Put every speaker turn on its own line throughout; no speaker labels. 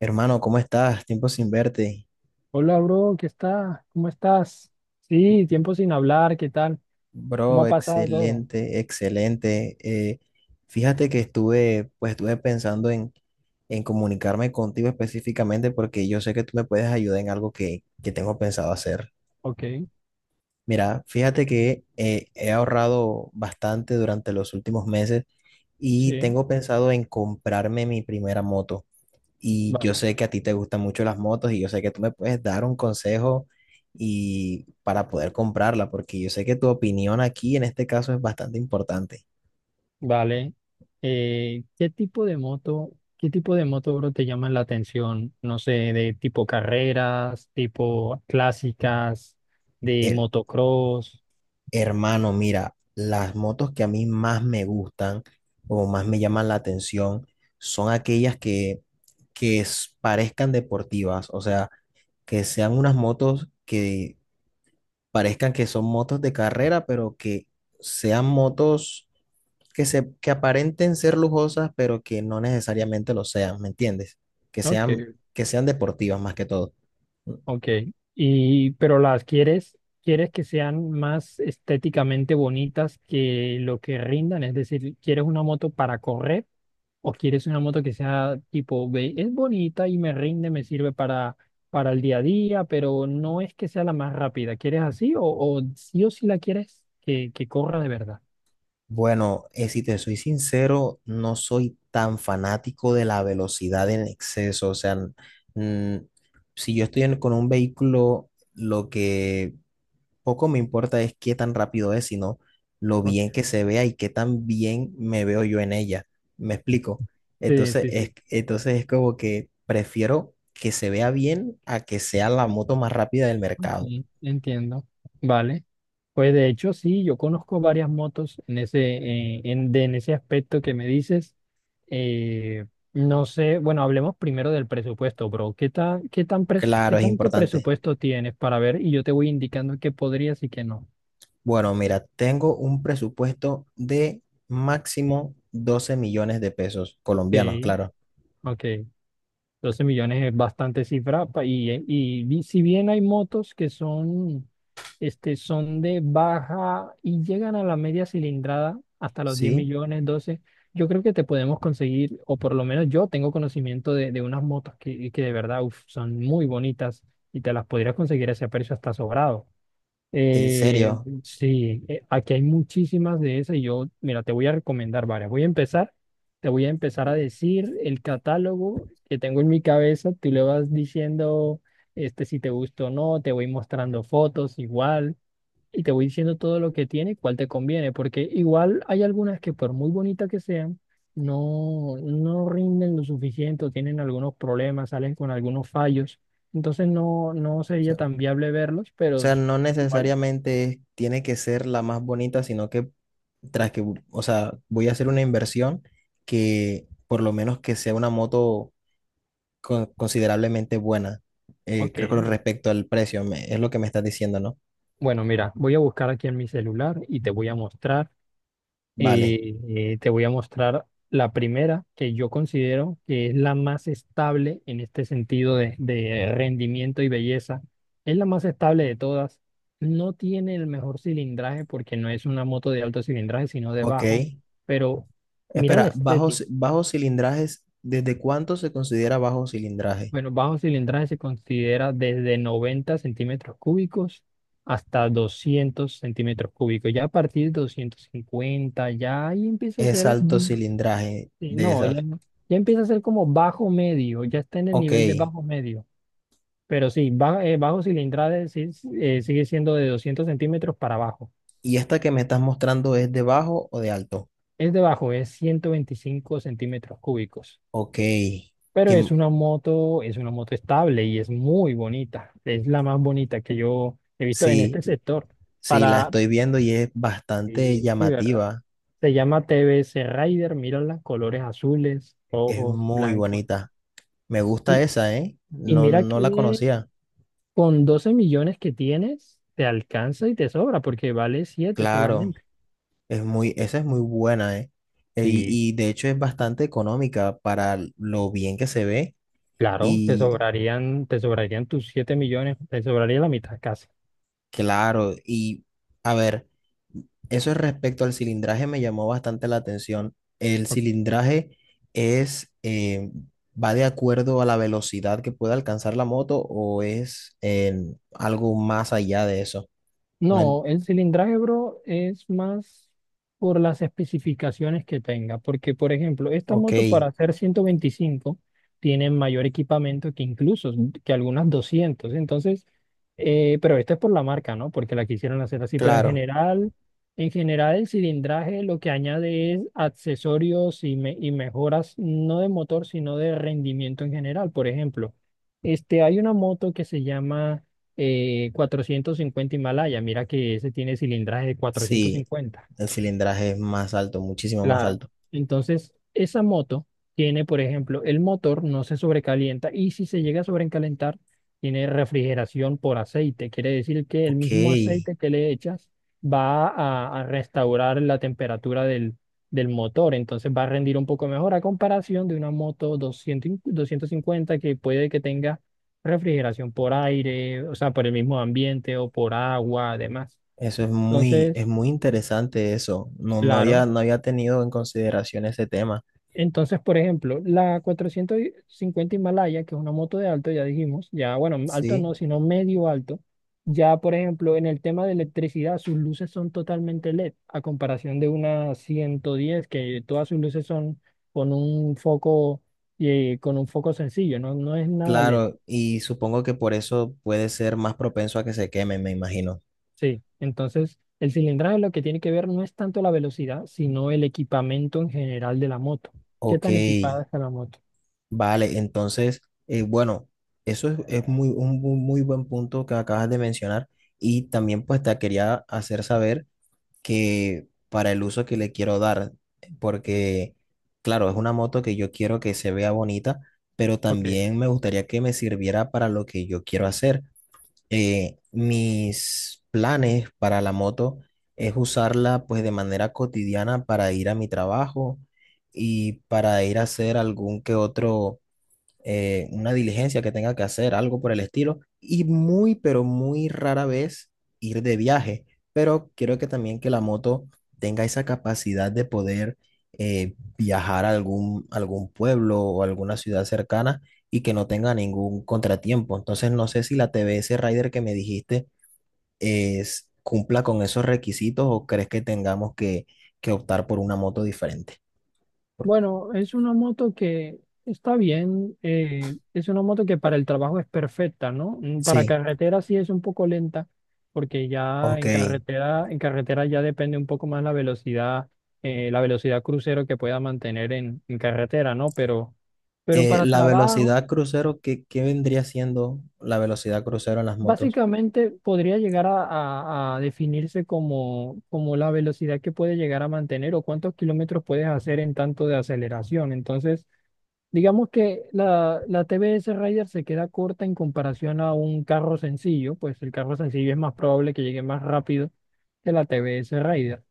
Hermano, ¿cómo estás? Tiempo sin verte.
Hola, bro, ¿qué está? ¿Cómo estás? Sí, tiempo sin hablar, ¿qué tal? ¿Cómo
Bro,
ha pasado todo?
excelente, excelente. Fíjate que pues estuve pensando en comunicarme contigo específicamente porque yo sé que tú me puedes ayudar en algo que tengo pensado hacer.
Ok,
Mira, fíjate que he ahorrado bastante durante los últimos meses y
sí,
tengo pensado en comprarme mi primera moto. Y yo
vale.
sé que a ti te gustan mucho las motos y yo sé que tú me puedes dar un consejo y para poder comprarla, porque yo sé que tu opinión aquí en este caso es bastante importante.
Vale. ¿Qué tipo de moto, bro, te llaman la atención? No sé, de tipo carreras, tipo clásicas, de
El,
motocross.
hermano, mira, las motos que a mí más me gustan o más me llaman la atención son aquellas que parezcan deportivas, o sea, que sean unas motos que parezcan que son motos de carrera, pero que sean motos que se, que aparenten ser lujosas, pero que no necesariamente lo sean, ¿me entiendes? Que
Ok,
sean, que sean deportivas más que todo.
ok. Y, pero quieres que sean más estéticamente bonitas que lo que rindan, es decir, ¿quieres una moto para correr? O quieres una moto que sea tipo, ve, es bonita y me rinde, me sirve para el día a día, pero no es que sea la más rápida. ¿Quieres así o sí o sí la quieres que corra de verdad?
Bueno, si te soy sincero, no soy tan fanático de la velocidad en exceso. O sea, mm, si yo estoy con un vehículo, lo que poco me importa es qué tan rápido es, sino lo
Ok.
bien que se vea y qué tan bien me veo yo en ella. ¿Me explico?
Sí,
Entonces
sí,
es,
sí.
entonces es como que prefiero que se vea bien a que sea la moto más rápida del mercado.
Sí, entiendo. Vale. Pues de hecho, sí, yo conozco varias motos en ese, en ese aspecto que me dices. Eh, no sé, bueno, hablemos primero del presupuesto, bro. ¿Qué
Claro, es
tanto
importante.
presupuesto tienes para ver? Y yo te voy indicando qué podrías y qué no.
Bueno, mira, tengo un presupuesto de máximo 12 millones de pesos colombianos,
Ok,
claro.
ok. 12 millones es bastante cifra si bien hay motos que son, son de baja y llegan a la media cilindrada hasta los 10
Sí.
millones, doce. Yo creo que te podemos conseguir, o por lo menos yo tengo conocimiento de unas motos que de verdad uf, son muy bonitas y te las podrías conseguir a ese precio hasta sobrado.
En
Eh,
serio.
sí, aquí hay muchísimas de esas y yo, mira, te voy a recomendar varias. Te voy a empezar a decir el catálogo que tengo en mi cabeza. Tú le vas diciendo, si te gusta o no, te voy mostrando fotos igual y te voy diciendo todo lo que tiene y cuál te conviene, porque igual hay algunas que por muy bonitas que sean, no, no rinden lo suficiente o tienen algunos problemas, salen con algunos fallos. Entonces no, no
O
sería
sea,
tan viable verlos,
o
pero.
sea, no
Igual,
necesariamente tiene que ser la más bonita, sino que tras que, o sea, voy a hacer una inversión que por lo menos que sea una moto considerablemente buena. Eh,
ok,
creo que con respecto al precio, es lo que me estás diciendo, ¿no?
bueno, mira, voy a buscar aquí en mi celular y
Vale.
te voy a mostrar la primera que yo considero que es la más estable en este sentido de rendimiento y belleza. Es la más estable de todas. No tiene el mejor cilindraje porque no es una moto de alto cilindraje, sino de
Ok.
bajo, pero mira la
Espera,
estética.
bajos cilindrajes, ¿desde cuánto se considera bajo cilindraje?
Bueno, bajo cilindraje se considera desde 90 centímetros cúbicos hasta 200 centímetros cúbicos. Ya a partir de 250 ya ahí empieza a
Es
ser,
alto cilindraje
sí,
de
no, ya.
esas.
Ya empieza a ser como bajo medio, ya está en el
Ok.
nivel de bajo medio. Pero sí, bajo cilindraje sí sigue siendo de 200 centímetros para abajo.
¿Y esta que me estás mostrando es de bajo o de alto?
Es de bajo, es 125 centímetros cúbicos.
Ok,
Pero
que
es una moto estable y es muy bonita. Es la más bonita que yo he visto en
sí,
este sector.
sí, la
Para,
estoy viendo y es bastante
sí, sí, ¿verdad?
llamativa,
Se llama TBS Rider, mira los colores azules,
es
rojos,
muy
blancos.
bonita. Me gusta
Y,
esa, ¿eh?
y
No,
mira
no la
que
conocía.
con 12 millones que tienes, te alcanza y te sobra, porque vale siete
Claro,
solamente.
es muy, esa es muy buena, ¿eh? E- Y,
Sí,
y de hecho es bastante económica para lo bien que se ve
claro, te
y
sobrarían, te sobrarían tus 7 millones, te sobraría la mitad casi.
claro, y a ver. Eso es respecto al cilindraje me llamó bastante la atención. El cilindraje es, va de acuerdo a la velocidad que puede alcanzar la moto o es en algo más allá de eso. No,
No, el cilindraje, bro, es más por las especificaciones que tenga, porque por ejemplo, esta
ok,
moto para hacer 125 tiene mayor equipamiento que incluso que algunas 200, entonces, pero esto es por la marca, ¿no? Porque la quisieron hacer así, pero en
claro,
general, en general el cilindraje lo que añade es accesorios y mejoras, no de motor, sino de rendimiento en general. Por ejemplo, hay una moto que se llama 450 Himalaya. Mira que ese tiene cilindraje de cuatrocientos
sí,
cincuenta
el cilindraje es más alto, muchísimo más
Claro.
alto.
Entonces, esa moto tiene, por ejemplo, el motor no se sobrecalienta y si se llega a sobrecalentar, tiene refrigeración por aceite. Quiere decir que el
Ok,
mismo aceite que le echas va a restaurar la temperatura del motor. Entonces va a rendir un poco mejor a comparación de una moto 250 que puede que tenga refrigeración por aire, o sea, por el mismo ambiente o por agua, además.
eso
Entonces,
es muy interesante eso. No, no había,
claro.
no había tenido en consideración ese tema.
Entonces, por ejemplo, la 450 Himalaya, que es una moto de alto, ya dijimos, ya, bueno, alto
Sí.
no, sino medio alto, ya, por ejemplo, en el tema de electricidad, sus luces son totalmente LED, a comparación de una 110, que todas sus luces son con un foco, con un foco sencillo, no, no es nada LED.
Claro, y supongo que por eso puede ser más propenso a que se quemen, me imagino.
Sí, entonces, el cilindraje lo que tiene que ver no es tanto la velocidad, sino el equipamiento en general de la moto. ¿Qué
Ok,
tan equipada está la moto?
vale, entonces, bueno, eso es muy, un muy buen punto que acabas de mencionar y también pues te quería hacer saber que para el uso que le quiero dar, porque claro, es una moto que yo quiero que se vea bonita, pero
Ok.
también me gustaría que me sirviera para lo que yo quiero hacer. Mis planes para la moto es usarla pues de manera cotidiana para ir a mi trabajo y para ir a hacer algún que otro una diligencia que tenga que hacer, algo por el estilo, y muy, pero muy rara vez ir de viaje. Pero quiero que también que la moto tenga esa capacidad de poder viajar a algún, algún pueblo o alguna ciudad cercana y que no tenga ningún contratiempo. Entonces, no sé si la TBS Rider que me dijiste es, cumpla con esos requisitos o crees que tengamos que optar por una moto diferente.
Bueno, es una moto que está bien, es una moto que para el trabajo es perfecta, ¿no? Para
Sí,
carretera sí es un poco lenta, porque ya
ok.
en carretera ya depende un poco más la velocidad crucero que pueda mantener en carretera, ¿no? Pero
Eh,
para
la
trabajo,
velocidad crucero, ¿qué vendría siendo la velocidad crucero en las motos?
básicamente podría llegar a definirse como la velocidad que puede llegar a mantener o cuántos kilómetros puedes hacer en tanto de aceleración. Entonces, digamos que la TBS Raider se queda corta en comparación a un carro sencillo, pues el carro sencillo es más probable que llegue más rápido que la TBS Raider.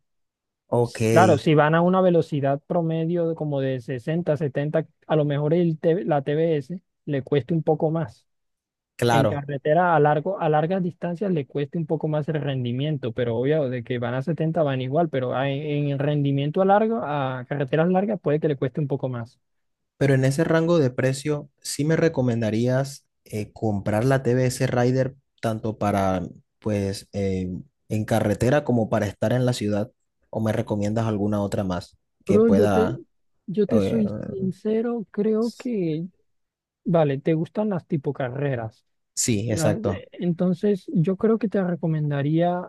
Ok,
Claro, si van a una velocidad promedio de como de 60, 70, a lo mejor la TBS le cueste un poco más. En
claro.
carretera a largas distancias le cueste un poco más el rendimiento, pero obvio de que van a 70 van igual, pero el rendimiento a carreteras largas puede que le cueste un poco más.
Pero en ese rango de precio, ¿sí me recomendarías comprar la TBS Rider tanto para, pues, en carretera como para estar en la ciudad? ¿O me recomiendas alguna otra más que
Bro, yo te,
pueda...
yo te
eh,
soy sincero, creo que, vale, te gustan las tipo carreras.
sí,
La-
exacto.
Entonces, yo creo que te recomendaría,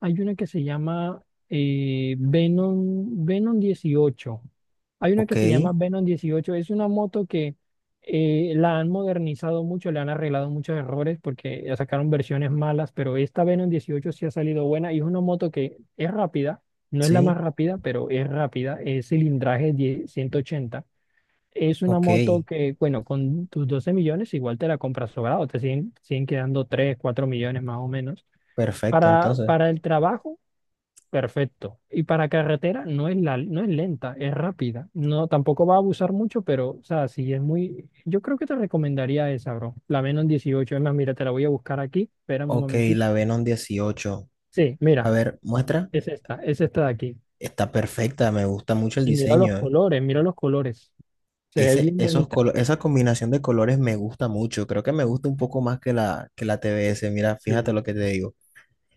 hay una que se llama Venom 18. Hay una
Ok,
que se llama Venom 18. Es una moto que la han modernizado mucho, le han arreglado muchos errores porque ya sacaron versiones malas, pero esta Venom 18 sí ha salido buena y es una moto que es rápida, no es la más
sí,
rápida, pero es rápida, es cilindraje 10 ochenta. Es una
ok,
moto que, bueno, con tus 12 millones igual te la compras sobrado, te siguen quedando 3 4 millones más o menos.
perfecto.
Para,
Entonces,
para el trabajo, perfecto. Y para carretera no es lenta, es rápida. No, tampoco va a abusar mucho, pero, o sea, sí es muy. Yo creo que te recomendaría esa, bro. La menos 18. Es más, mira, te la voy a buscar aquí. Espérame un
ok,
momentico.
la Venom dieciocho.
Sí,
A
mira,
ver, muestra.
es esta de aquí.
Está perfecta, me gusta mucho el
Y mira los
diseño.
colores, mira los colores. Se ve
Ese,
bien bonita.
esa combinación de colores me gusta mucho. Creo que me gusta un poco más que la T TBS. Mira, fíjate
Sí.
lo que te digo.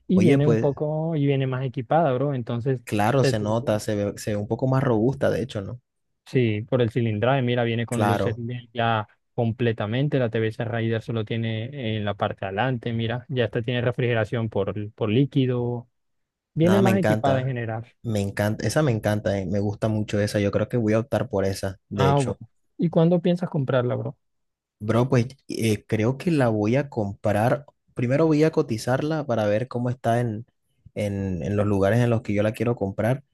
y
Oye,
viene un
pues
poco, y viene más equipada, bro. Entonces,
claro,
se
se nota,
siente-
se ve un poco más robusta, de hecho, ¿no?
sí, por el cilindraje, mira, viene con luces
Claro,
LED ya completamente. La TVS Raider solo tiene en la parte de adelante, mira, ya esta tiene refrigeración por líquido. Viene
nada, me
más equipada en
encanta.
general.
Me encanta, esa me encanta. Me gusta mucho esa. Yo creo que voy a optar por esa, de
Ah,
hecho.
bueno. ¿Y cuándo piensas comprarla, bro?
Bro, pues creo que la voy a comprar. Primero voy a cotizarla para ver cómo está en, en los lugares en los que yo la quiero comprar.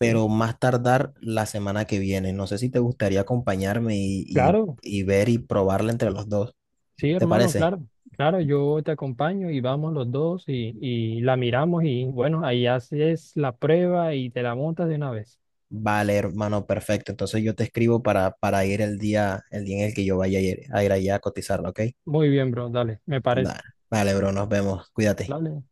Sí.
más tardar la semana que viene. No sé si te gustaría acompañarme y, y-
Claro,
y ver y probarla entre los dos.
sí,
¿Te
hermano,
parece?
claro. Claro, yo te acompaño y vamos los dos y la miramos y bueno, ahí haces la prueba y te la montas de una vez.
Vale, hermano, perfecto. Entonces yo te escribo para ir el día en el que yo vaya a ir allá a cotizarla, ¿ok?
Muy bien, bro, dale, me parece.
Nah, vale, bro, nos vemos. Cuídate.
Dale.